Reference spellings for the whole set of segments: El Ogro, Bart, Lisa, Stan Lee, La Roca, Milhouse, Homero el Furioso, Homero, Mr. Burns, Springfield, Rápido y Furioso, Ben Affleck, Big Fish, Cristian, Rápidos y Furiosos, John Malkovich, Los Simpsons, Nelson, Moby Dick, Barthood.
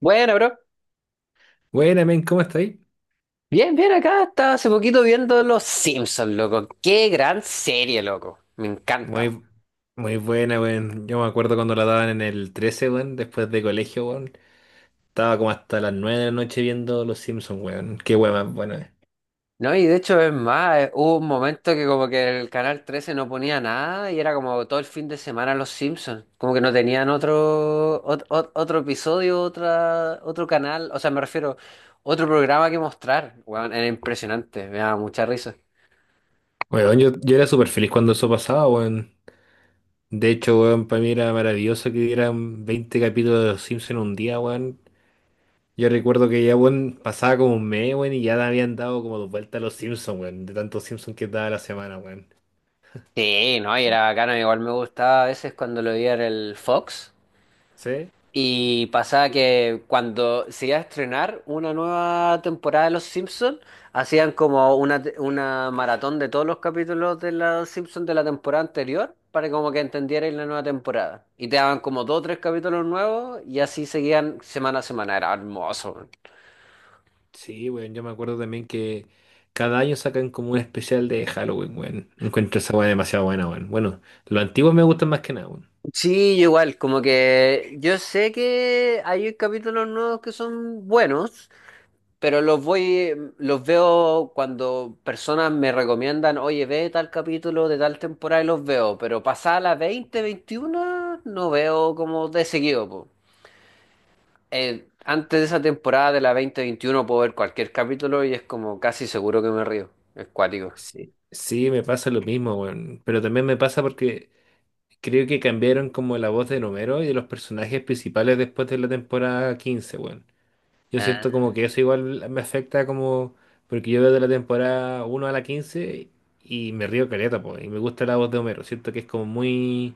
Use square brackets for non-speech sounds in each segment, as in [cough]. Bueno, bro. Buena, men, ¿cómo estáis? Bien, bien, acá estaba hace poquito viendo Los Simpsons, loco. Qué gran serie, loco. Me encanta, weón. Muy, muy buena, weón. Yo me acuerdo cuando la daban en el 13, weón, después de colegio, weón. Estaba como hasta las 9 de la noche viendo Los Simpsons, weón. Qué weón más buena. No, y de hecho es más, hubo un momento que como que el canal 13 no ponía nada y era como todo el fin de semana Los Simpsons. Como que no tenían otro ot- ot- otro, episodio, otra otro canal, o sea, me refiero otro programa que mostrar. Weón, era impresionante, me daba mucha risa. Weón, yo era súper feliz cuando eso pasaba, weón. De hecho, weón, para mí era maravilloso que dieran 20 capítulos de Los Simpsons en un día, weón. Yo recuerdo que ya, weón, pasaba como un mes, weón, y ya le habían dado como dos vueltas a Los Simpsons, weón. De tantos Simpsons que daba la semana, weón. Sí, no, y era bacano, igual me gustaba a veces cuando lo veía en el Fox. ¿Sí? Y pasaba que cuando se iba a estrenar una nueva temporada de Los Simpsons, hacían como una, una maratón de todos los capítulos de Los Simpsons de la temporada anterior para como que entendierais la nueva temporada. Y te daban como dos o tres capítulos nuevos y así seguían semana a semana. Era hermoso, man. Sí, weón, yo me acuerdo también que cada año sacan como un especial de Halloween, weón. Encuentro esa weá demasiado buena, weón. Bueno, los antiguos me gustan más que nada, weón. Sí, yo igual, como que yo sé que hay capítulos nuevos que son buenos, pero los voy, los veo cuando personas me recomiendan, oye, ve tal capítulo de tal temporada y los veo, pero pasada la 20 21, no veo como de seguido, po. Antes de esa temporada de la 20 21 puedo ver cualquier capítulo y es como casi seguro que me río. Es cuático. Sí. Sí, me pasa lo mismo, weón. Pero también me pasa porque creo que cambiaron como la voz de Homero y de los personajes principales después de la temporada 15, weón. Yo siento Ah. como que eso igual me afecta como... Porque yo veo de la temporada uno a la 15 y me río caleta, po. Y me gusta la voz de Homero. Siento que es como muy...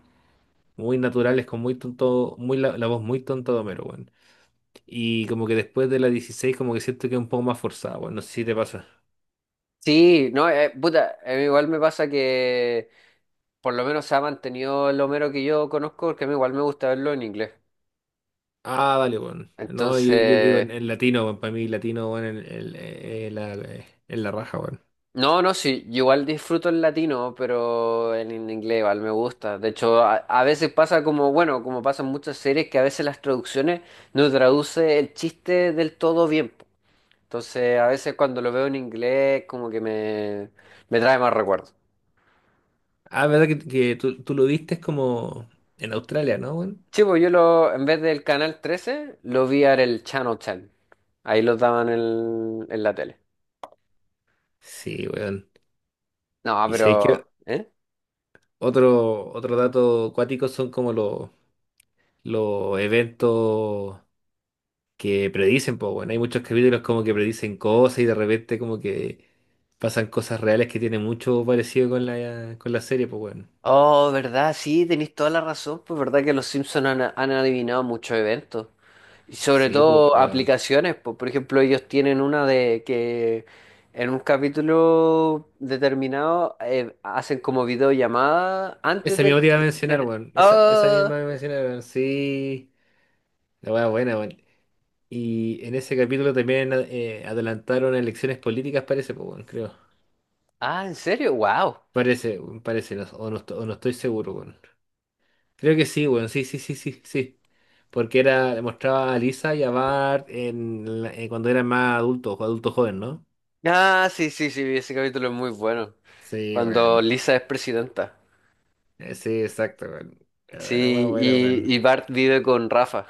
muy naturales, con muy tonto, muy la voz muy tonta de Homero, weón. Y como que después de la 16 como que siento que es un poco más forzada, weón. No sé si te pasa. Sí, no, puta, a mí igual me pasa que por lo menos se ha mantenido el Homero que yo conozco, porque a mí igual me gusta verlo en inglés. Ah, vale weón. No, yo digo Entonces, en latino, weón. Para mí, latino, weón, en la raja, weón. no, no, sí, yo igual disfruto el latino, pero en inglés igual me gusta. De hecho, a veces pasa como, bueno, como pasan muchas series, que a veces las traducciones no traduce el chiste del todo bien, po. Entonces, a veces cuando lo veo en inglés, como que me trae más recuerdos. Ah, verdad que, que tú lo viste como en Australia, ¿no, weón? Sí, pues yo lo, en vez del canal 13 lo vi en el Channel 10. Ahí lo daban en la tele. Sí, weón. No, Y sé que pero... ¿eh? otro dato cuático son como los eventos. Que predicen, pues bueno, hay muchos capítulos como que predicen cosas y de repente como que pasan cosas reales que tienen mucho parecido con la serie, pues bueno. Oh, verdad, sí, tenéis toda la razón, pues verdad que los Simpsons han, han adivinado muchos eventos. Y sobre Sí, pues todo bueno. aplicaciones, por ejemplo, ellos tienen una de que en un capítulo determinado hacen como videollamada antes Esa de misma que te iba a mencionar, existieran. weón. Esa ¡Ah! misma me mencionaron, sí. La weá buena, weón. Y en ese capítulo también adelantaron elecciones políticas, parece, pues bueno, creo. Ah, ¿en serio? ¡Wow! Parece, weón, parece, o, o no estoy seguro, weón. Creo que sí, weón, sí, sí, sí, sí, sí. Porque era, mostraba a Lisa y a Bart cuando eran más adultos, adultos jóvenes, ¿no? Ah, sí, sí, sí, ese capítulo es muy bueno. Sí, Cuando weón. Lisa es presidenta. Sí, exacto, weón. Era más Sí, bueno, weón. y Bart vive con Rafa,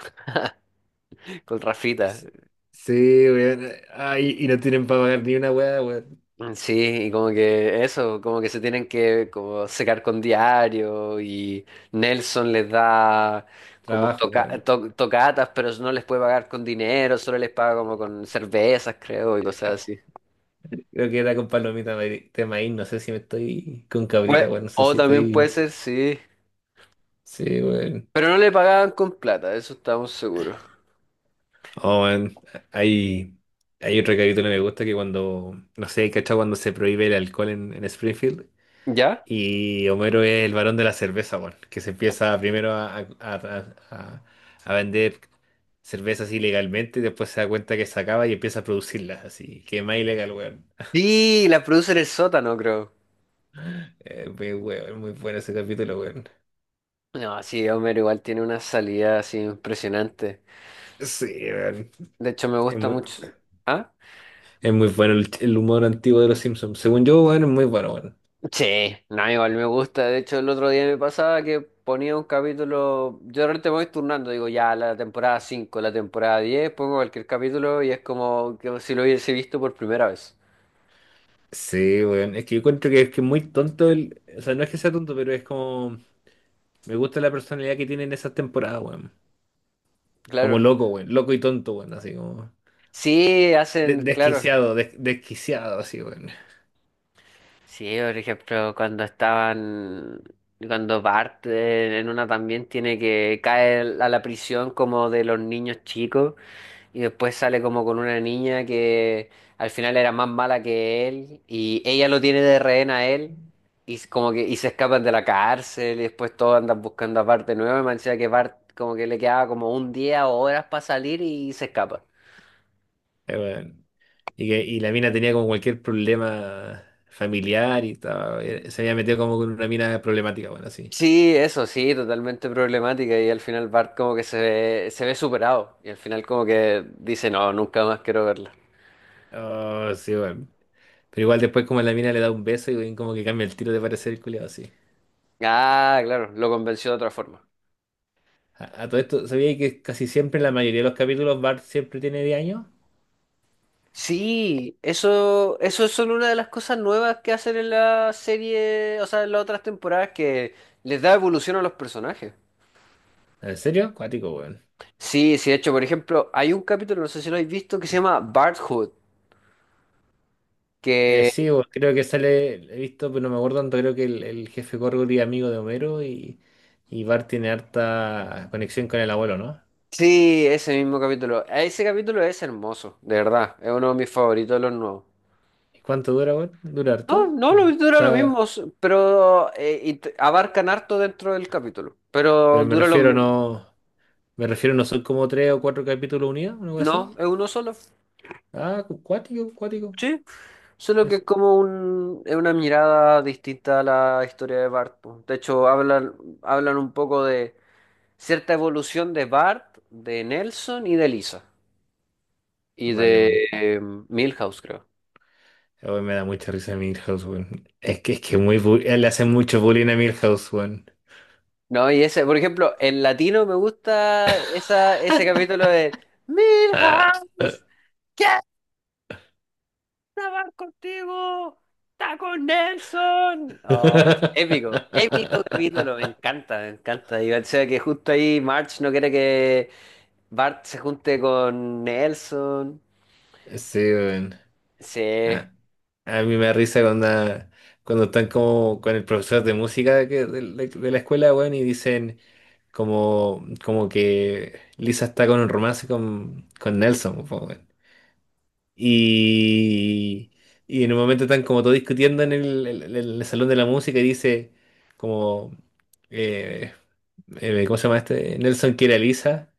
[laughs] con Rafita. Sí, sí, weón. Ay, y no tienen para pagar ni una weá, weón. Sí, y como que eso, como que se tienen que como secar con diario y Nelson les da como Trabajo, toca weón. Tocatas, pero no les puede pagar con dinero, solo les paga como con cervezas, creo, y cosas así. Creo que era con palomita de maíz, no sé si me estoy con cabrita, Pues, weón, no sé o si también puede estoy... ser, sí. Sí, weón. Pero no le pagaban con plata, de eso estamos seguros. Oh, weón. Hay, hay otro capítulo que me gusta que cuando, no sé, ¿cachai? Cuando se prohíbe el alcohol en Springfield. ¿Ya? Y Homero es el varón de la cerveza, weón, que se empieza primero a vender cervezas ilegalmente y después se da cuenta que se acaba y empieza a producirlas, así que es más ilegal, weón. Sí, la produce en el sótano, creo. Muy, weón, muy bueno ese capítulo, weón. No, sí, Homero igual tiene una salida así impresionante. Sí, weón. De hecho, me Es gusta muy, mucho. ¿Ah? es muy bueno el humor antiguo de los Simpsons. Según yo, weón, es muy bueno, weón. Sí, no, igual me gusta. De hecho, el otro día me pasaba que ponía un capítulo. Yo de repente me voy turnando, digo, ya la temporada 5, la temporada 10, pongo cualquier capítulo y es como que si lo hubiese visto por primera vez. Sí, weón. Es que yo encuentro que es muy tonto el. O sea, no es que sea tonto, pero es como. Me gusta la personalidad que tiene en esas temporadas, weón. Como Claro. loco, weón. Loco y tonto, weón. Así como. Sí, hacen, claro. Desquiciado, desquiciado, así, weón. Sí, por ejemplo, cuando estaban. Cuando Bart en una también tiene que caer a la prisión como de los niños chicos. Y después sale como con una niña que al final era más mala que él y ella lo tiene de rehén a él y s- como que y se escapan de la cárcel y después todos andan buscando a Bart de nuevo y me decía que Bart como que le quedaba como un día o horas para salir y se escapa. Weón. Y la mina tenía como cualquier problema familiar y se había metido como con una mina problemática, bueno, así. Sí, eso sí, totalmente problemática y al final Bart como que se ve superado y al final como que dice no, nunca más quiero verla. Oh, sí, bueno. Pero igual después como la mina le da un beso y weón, como que cambia el tiro de parecer el culiado, así. Ah, claro, lo convenció de otra forma. A todo esto, ¿sabía que casi siempre en la mayoría de los capítulos Bart siempre tiene 10 años? Sí, eso es solo una de las cosas nuevas que hacen en la serie, o sea, en las otras temporadas que les da evolución a los personajes. ¿En serio? Cuático, weón. Sí, sí, de hecho, por ejemplo, hay un capítulo, no sé si lo habéis visto, que se llama Barthood, Eh, que sí, bueno, creo que sale, he visto, pero no me acuerdo tanto, creo que el jefe Gorgory es amigo de Homero y Bart tiene harta conexión con el abuelo, ¿no? sí, ese mismo capítulo. Ese capítulo es hermoso, de verdad, es uno de mis favoritos de los nuevos. ¿Y cuánto dura, weón? ¿Dura No, harto? no, lo O mismo dura lo sea, mismo, pero abarcan harto dentro del capítulo, pero pero dura lo mismo. Me refiero no son como tres o cuatro capítulos unidos, o algo así. No, es uno solo. Ah, cuático, cuático. Sí. Solo que Es- es como un, es una mirada distinta a la historia de Bart, po. De hecho, hablan, hablan un poco de cierta evolución de Bart, de Nelson y de Lisa. Y Vale, de bueno. Milhouse, creo. Hoy me da mucha risa Milhouse, weón. Es que le hacen mucho bullying a Milhouse, weón. No, y ese, por ejemplo, en latino me gusta esa, ese capítulo de Milhouse, quiero hablar contigo, está con Nelson. Oh, es épico, épico capítulo, me [laughs] encanta, me encanta. Y o sea que justo ahí March no quiere que Bart se junte con Nelson. Sí, weón. Sí. Ah, a mí me da risa cuando están como con el profesor de música de la escuela, weón, y dicen como que Lisa está con un romance con Nelson, po, weón. Y, y en un momento están como todos discutiendo en el salón de la música y dice como, eh, ¿cómo se llama este? Nelson quiere a Lisa.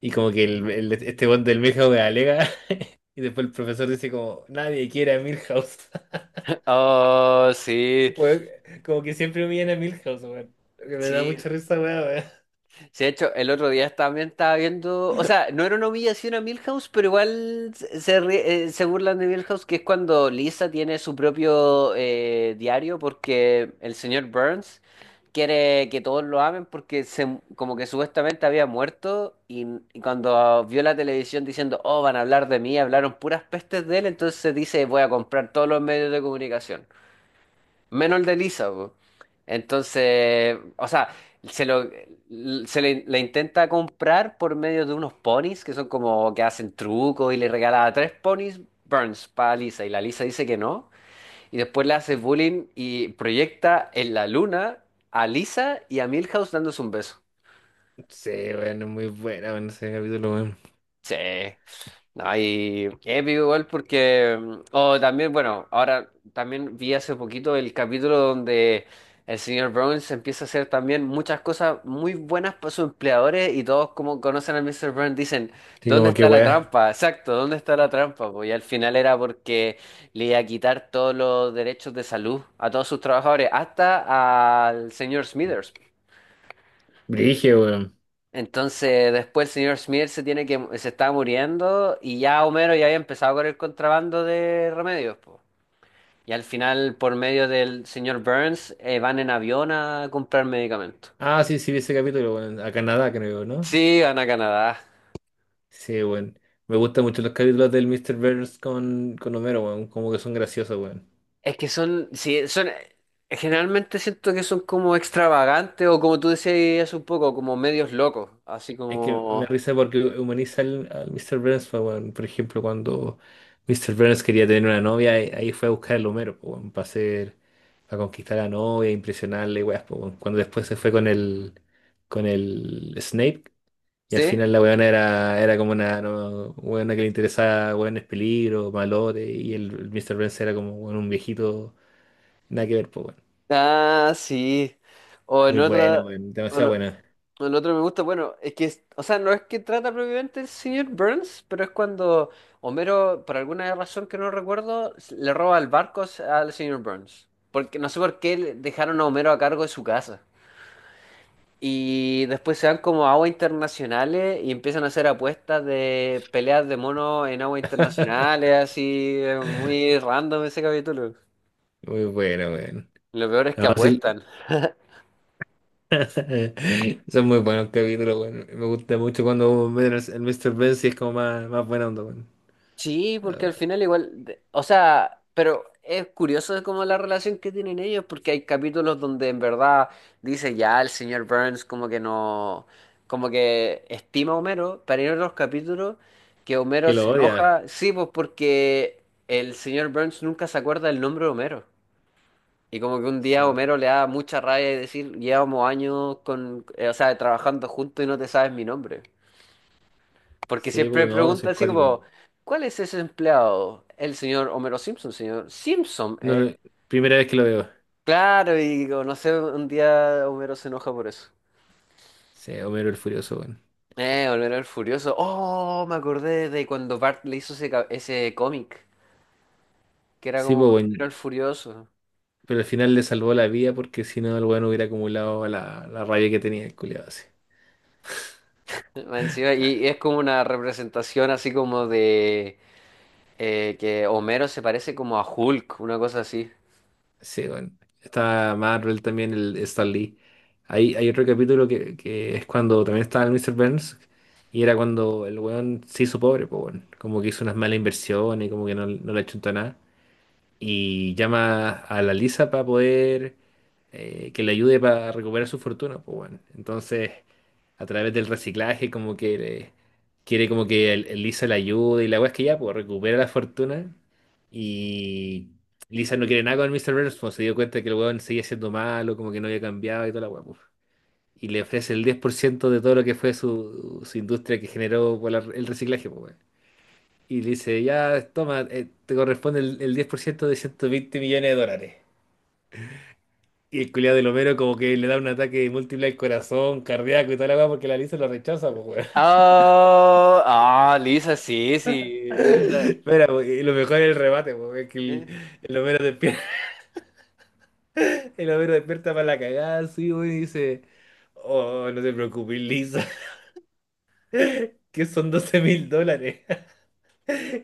Y como que este bot del Milhouse alega [laughs] y después el profesor dice como, nadie quiere a Milhouse. Oh, sí. Weón, como que siempre humillan a Milhouse, weón. Que me da Sí, mucha risa, weón, weón. sí, de hecho, el otro día también estaba viendo, o sea, no era una humillación a Milhouse, pero igual se, se burlan de Milhouse, que es cuando Lisa tiene su propio diario, porque el señor Burns quiere que todos lo amen, porque se, como que supuestamente había muerto, y cuando vio la televisión diciendo, oh, van a hablar de mí, hablaron puras pestes de él, entonces dice, voy a comprar todos los medios de comunicación menos el de Lisa, po. Entonces, o sea, se lo le intenta comprar por medio de unos ponis que son como que hacen trucos y le regala tres ponis Burns para Lisa y la Lisa dice que no y después le hace bullying y proyecta en la luna a Lisa y a Milhouse dándose un beso. Sí, weón, es muy buena, weón, ese capítulo, weón. Sí. No, y épico igual porque... O también, bueno, ahora también vi hace poquito el capítulo donde el señor Burns empieza a hacer también muchas cosas muy buenas para sus empleadores y todos como conocen al Mr. Burns dicen, Sí, ¿dónde como que está la weón. trampa? Exacto, ¿dónde está la trampa? Pues, y al final era porque le iba a quitar todos los derechos de salud a todos sus trabajadores, hasta al señor Smithers. Brigio, weón. Entonces después el señor Smith se tiene que se estaba muriendo y ya Homero ya había empezado con el contrabando de remedios, po. Y al final, por medio del señor Burns, van en avión a comprar medicamentos. Ah, sí, sí, vi ese capítulo, weón. A Canadá, creo, ¿no? Sí, van a Canadá. Sí, weón. Me gustan mucho los capítulos del Mr. Burns con Homero, weón. Como que son graciosos, weón. Es que son, sí, son, generalmente siento que son como extravagantes o como tú decías hace un poco, como medios locos, así Es que me da como, risa porque humaniza al Mr. Burns, pues, weón. Por ejemplo, cuando Mr. Burns quería tener una novia, ahí fue a buscar al Homero, pues, weón, para conquistar a la novia, impresionarle, weas, pues, weón. Cuando después se fue con el Snape, y al ¿sí? final la weona era como una no, weona que le interesaba weones peligro, malote, y el Mr. Burns era como weón, un viejito, nada que ver, pues, weón. Ah, sí. O Muy en buena, otra, weón, o demasiado lo- buena. o en otro me gusta, bueno, es que, o sea, no es que trata propiamente el señor Burns, pero es cuando Homero, por alguna razón que no recuerdo, le roba el barco al señor Burns. Porque no sé por qué dejaron a Homero a cargo de su casa. Y después se van como a aguas internacionales y empiezan a hacer apuestas de peleas de monos en aguas [laughs] internacionales, así, muy random ese capítulo. Muy buena, weón. Lo peor es que No, sí, apuestan. [laughs] son muy buenos capítulos, weón. Me gusta mucho cuando ven el Mr. Ben si es como más, más buena onda, weón. Sí, Ah, porque al final igual, o sea, pero es curioso como la relación que tienen ellos, porque hay capítulos donde en verdad dice ya el señor Burns como que no, como que estima a Homero, pero hay otros capítulos que que Homero lo se odia. enoja, sí, pues porque el señor Burns nunca se acuerda el nombre de Homero. Y como que un Sí, día weón. Homero le da mucha rabia y decir, llevamos años con, o sea, trabajando juntos y no te sabes mi nombre. Porque Sí, pues siempre no, soy pregunta así cuático. como, ¿cuál es ese empleado? El señor Homero Simpson, señor Simpson, No, eh. no, primera vez que lo veo. Claro, y digo, no sé, un día Homero se enoja por eso. Sí, Homero el Furioso, weón. Homero el Furioso. Oh, me acordé de cuando Bart le hizo ese, ese cómic, que era Sí, como pues Homero weón. el Furioso. Pero al final le salvó la vida porque si no, el weón hubiera acumulado la rabia que tenía el culiado. Más encima, y es como una representación así como de que Homero se parece como a Hulk, una cosa así. Sí, bueno. Está Marvel también, el Stan Lee. Hay otro capítulo que es cuando también estaba el Mr. Burns y era cuando el weón se hizo pobre, pues bueno. Como que hizo unas malas inversiones, como que no le achuntó nada y llama a la Lisa para poder que le ayude para recuperar su fortuna, pues bueno. Entonces, a través del reciclaje, como que quiere como que el Lisa le ayude y la weá es que ya, pues recupera la fortuna y Lisa no quiere nada con Mr. Burns, pues se dio cuenta que el weón seguía siendo malo, como que no había cambiado y toda la weá, pues. Y le ofrece el 10% de todo lo que fue su industria que generó el reciclaje, pues, y le dice, ya, toma, te corresponde el 10% de 120 millones de dólares. Y el culiado del Homero como que le da un ataque múltiple al corazón, cardíaco y toda la weá porque la Lisa lo rechaza, pues weón. Ah, ah, Lisa, sí, [laughs] sí, Lisa, Espera, po, y lo mejor es el remate, po, es que el, eh. el Homero despierta, [laughs] el Homero despierta para la cagada, sí, weón, y dice, oh, no te preocupes, Lisa, [laughs] que son 12.000 dólares.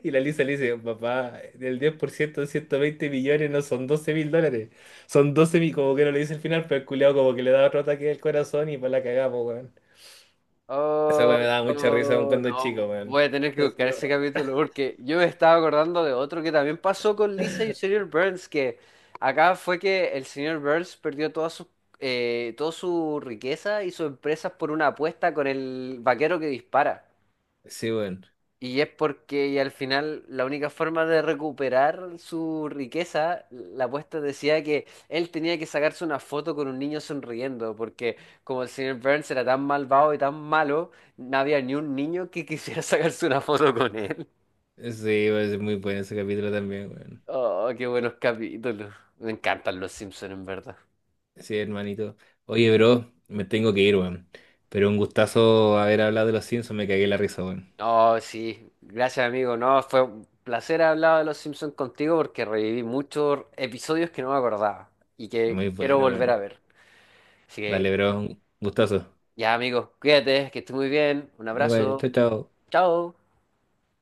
Y la Lisa le dice, papá, el 10% de 120 millones no son 12 mil dólares, son 12 mil, como que no le dice al final, pero el culiao como que le da otro ataque del corazón y para la cagamos, weón. Esa Oh, weón me daba mucha risa aun oh, cuando chico, no, weón. voy a tener que buscar Así, ese oh. capítulo porque yo me estaba acordando de otro que también pasó con Lisa y el señor Burns, que acá fue que el señor Burns perdió toda su riqueza y sus empresas por una apuesta con el vaquero que dispara. Sí, weón. Y es porque y al final la única forma de recuperar su riqueza, la apuesta decía que él tenía que sacarse una foto con un niño sonriendo, porque como el señor Burns era tan malvado y tan malo, no había ni un niño que quisiera [laughs] sacarse una foto con él. Sí, weón, es muy bueno ese capítulo también, weón. Oh, qué buenos capítulos. Me encantan los Simpsons, en verdad. Sí, hermanito. Oye, bro, me tengo que ir, weón. Pero un gustazo haber hablado de los Simpsons, me cagué la risa, weón. Oh, sí. Gracias, amigo. No, fue un placer hablar de los Simpsons contigo porque reviví muchos episodios que no me acordaba y Es que muy quiero bueno, volver a weón. ver. Así que Dale, bro, un gustazo. ya, amigos, cuídate, que estés muy bien. Un Igual, abrazo. chao, chao. Chao.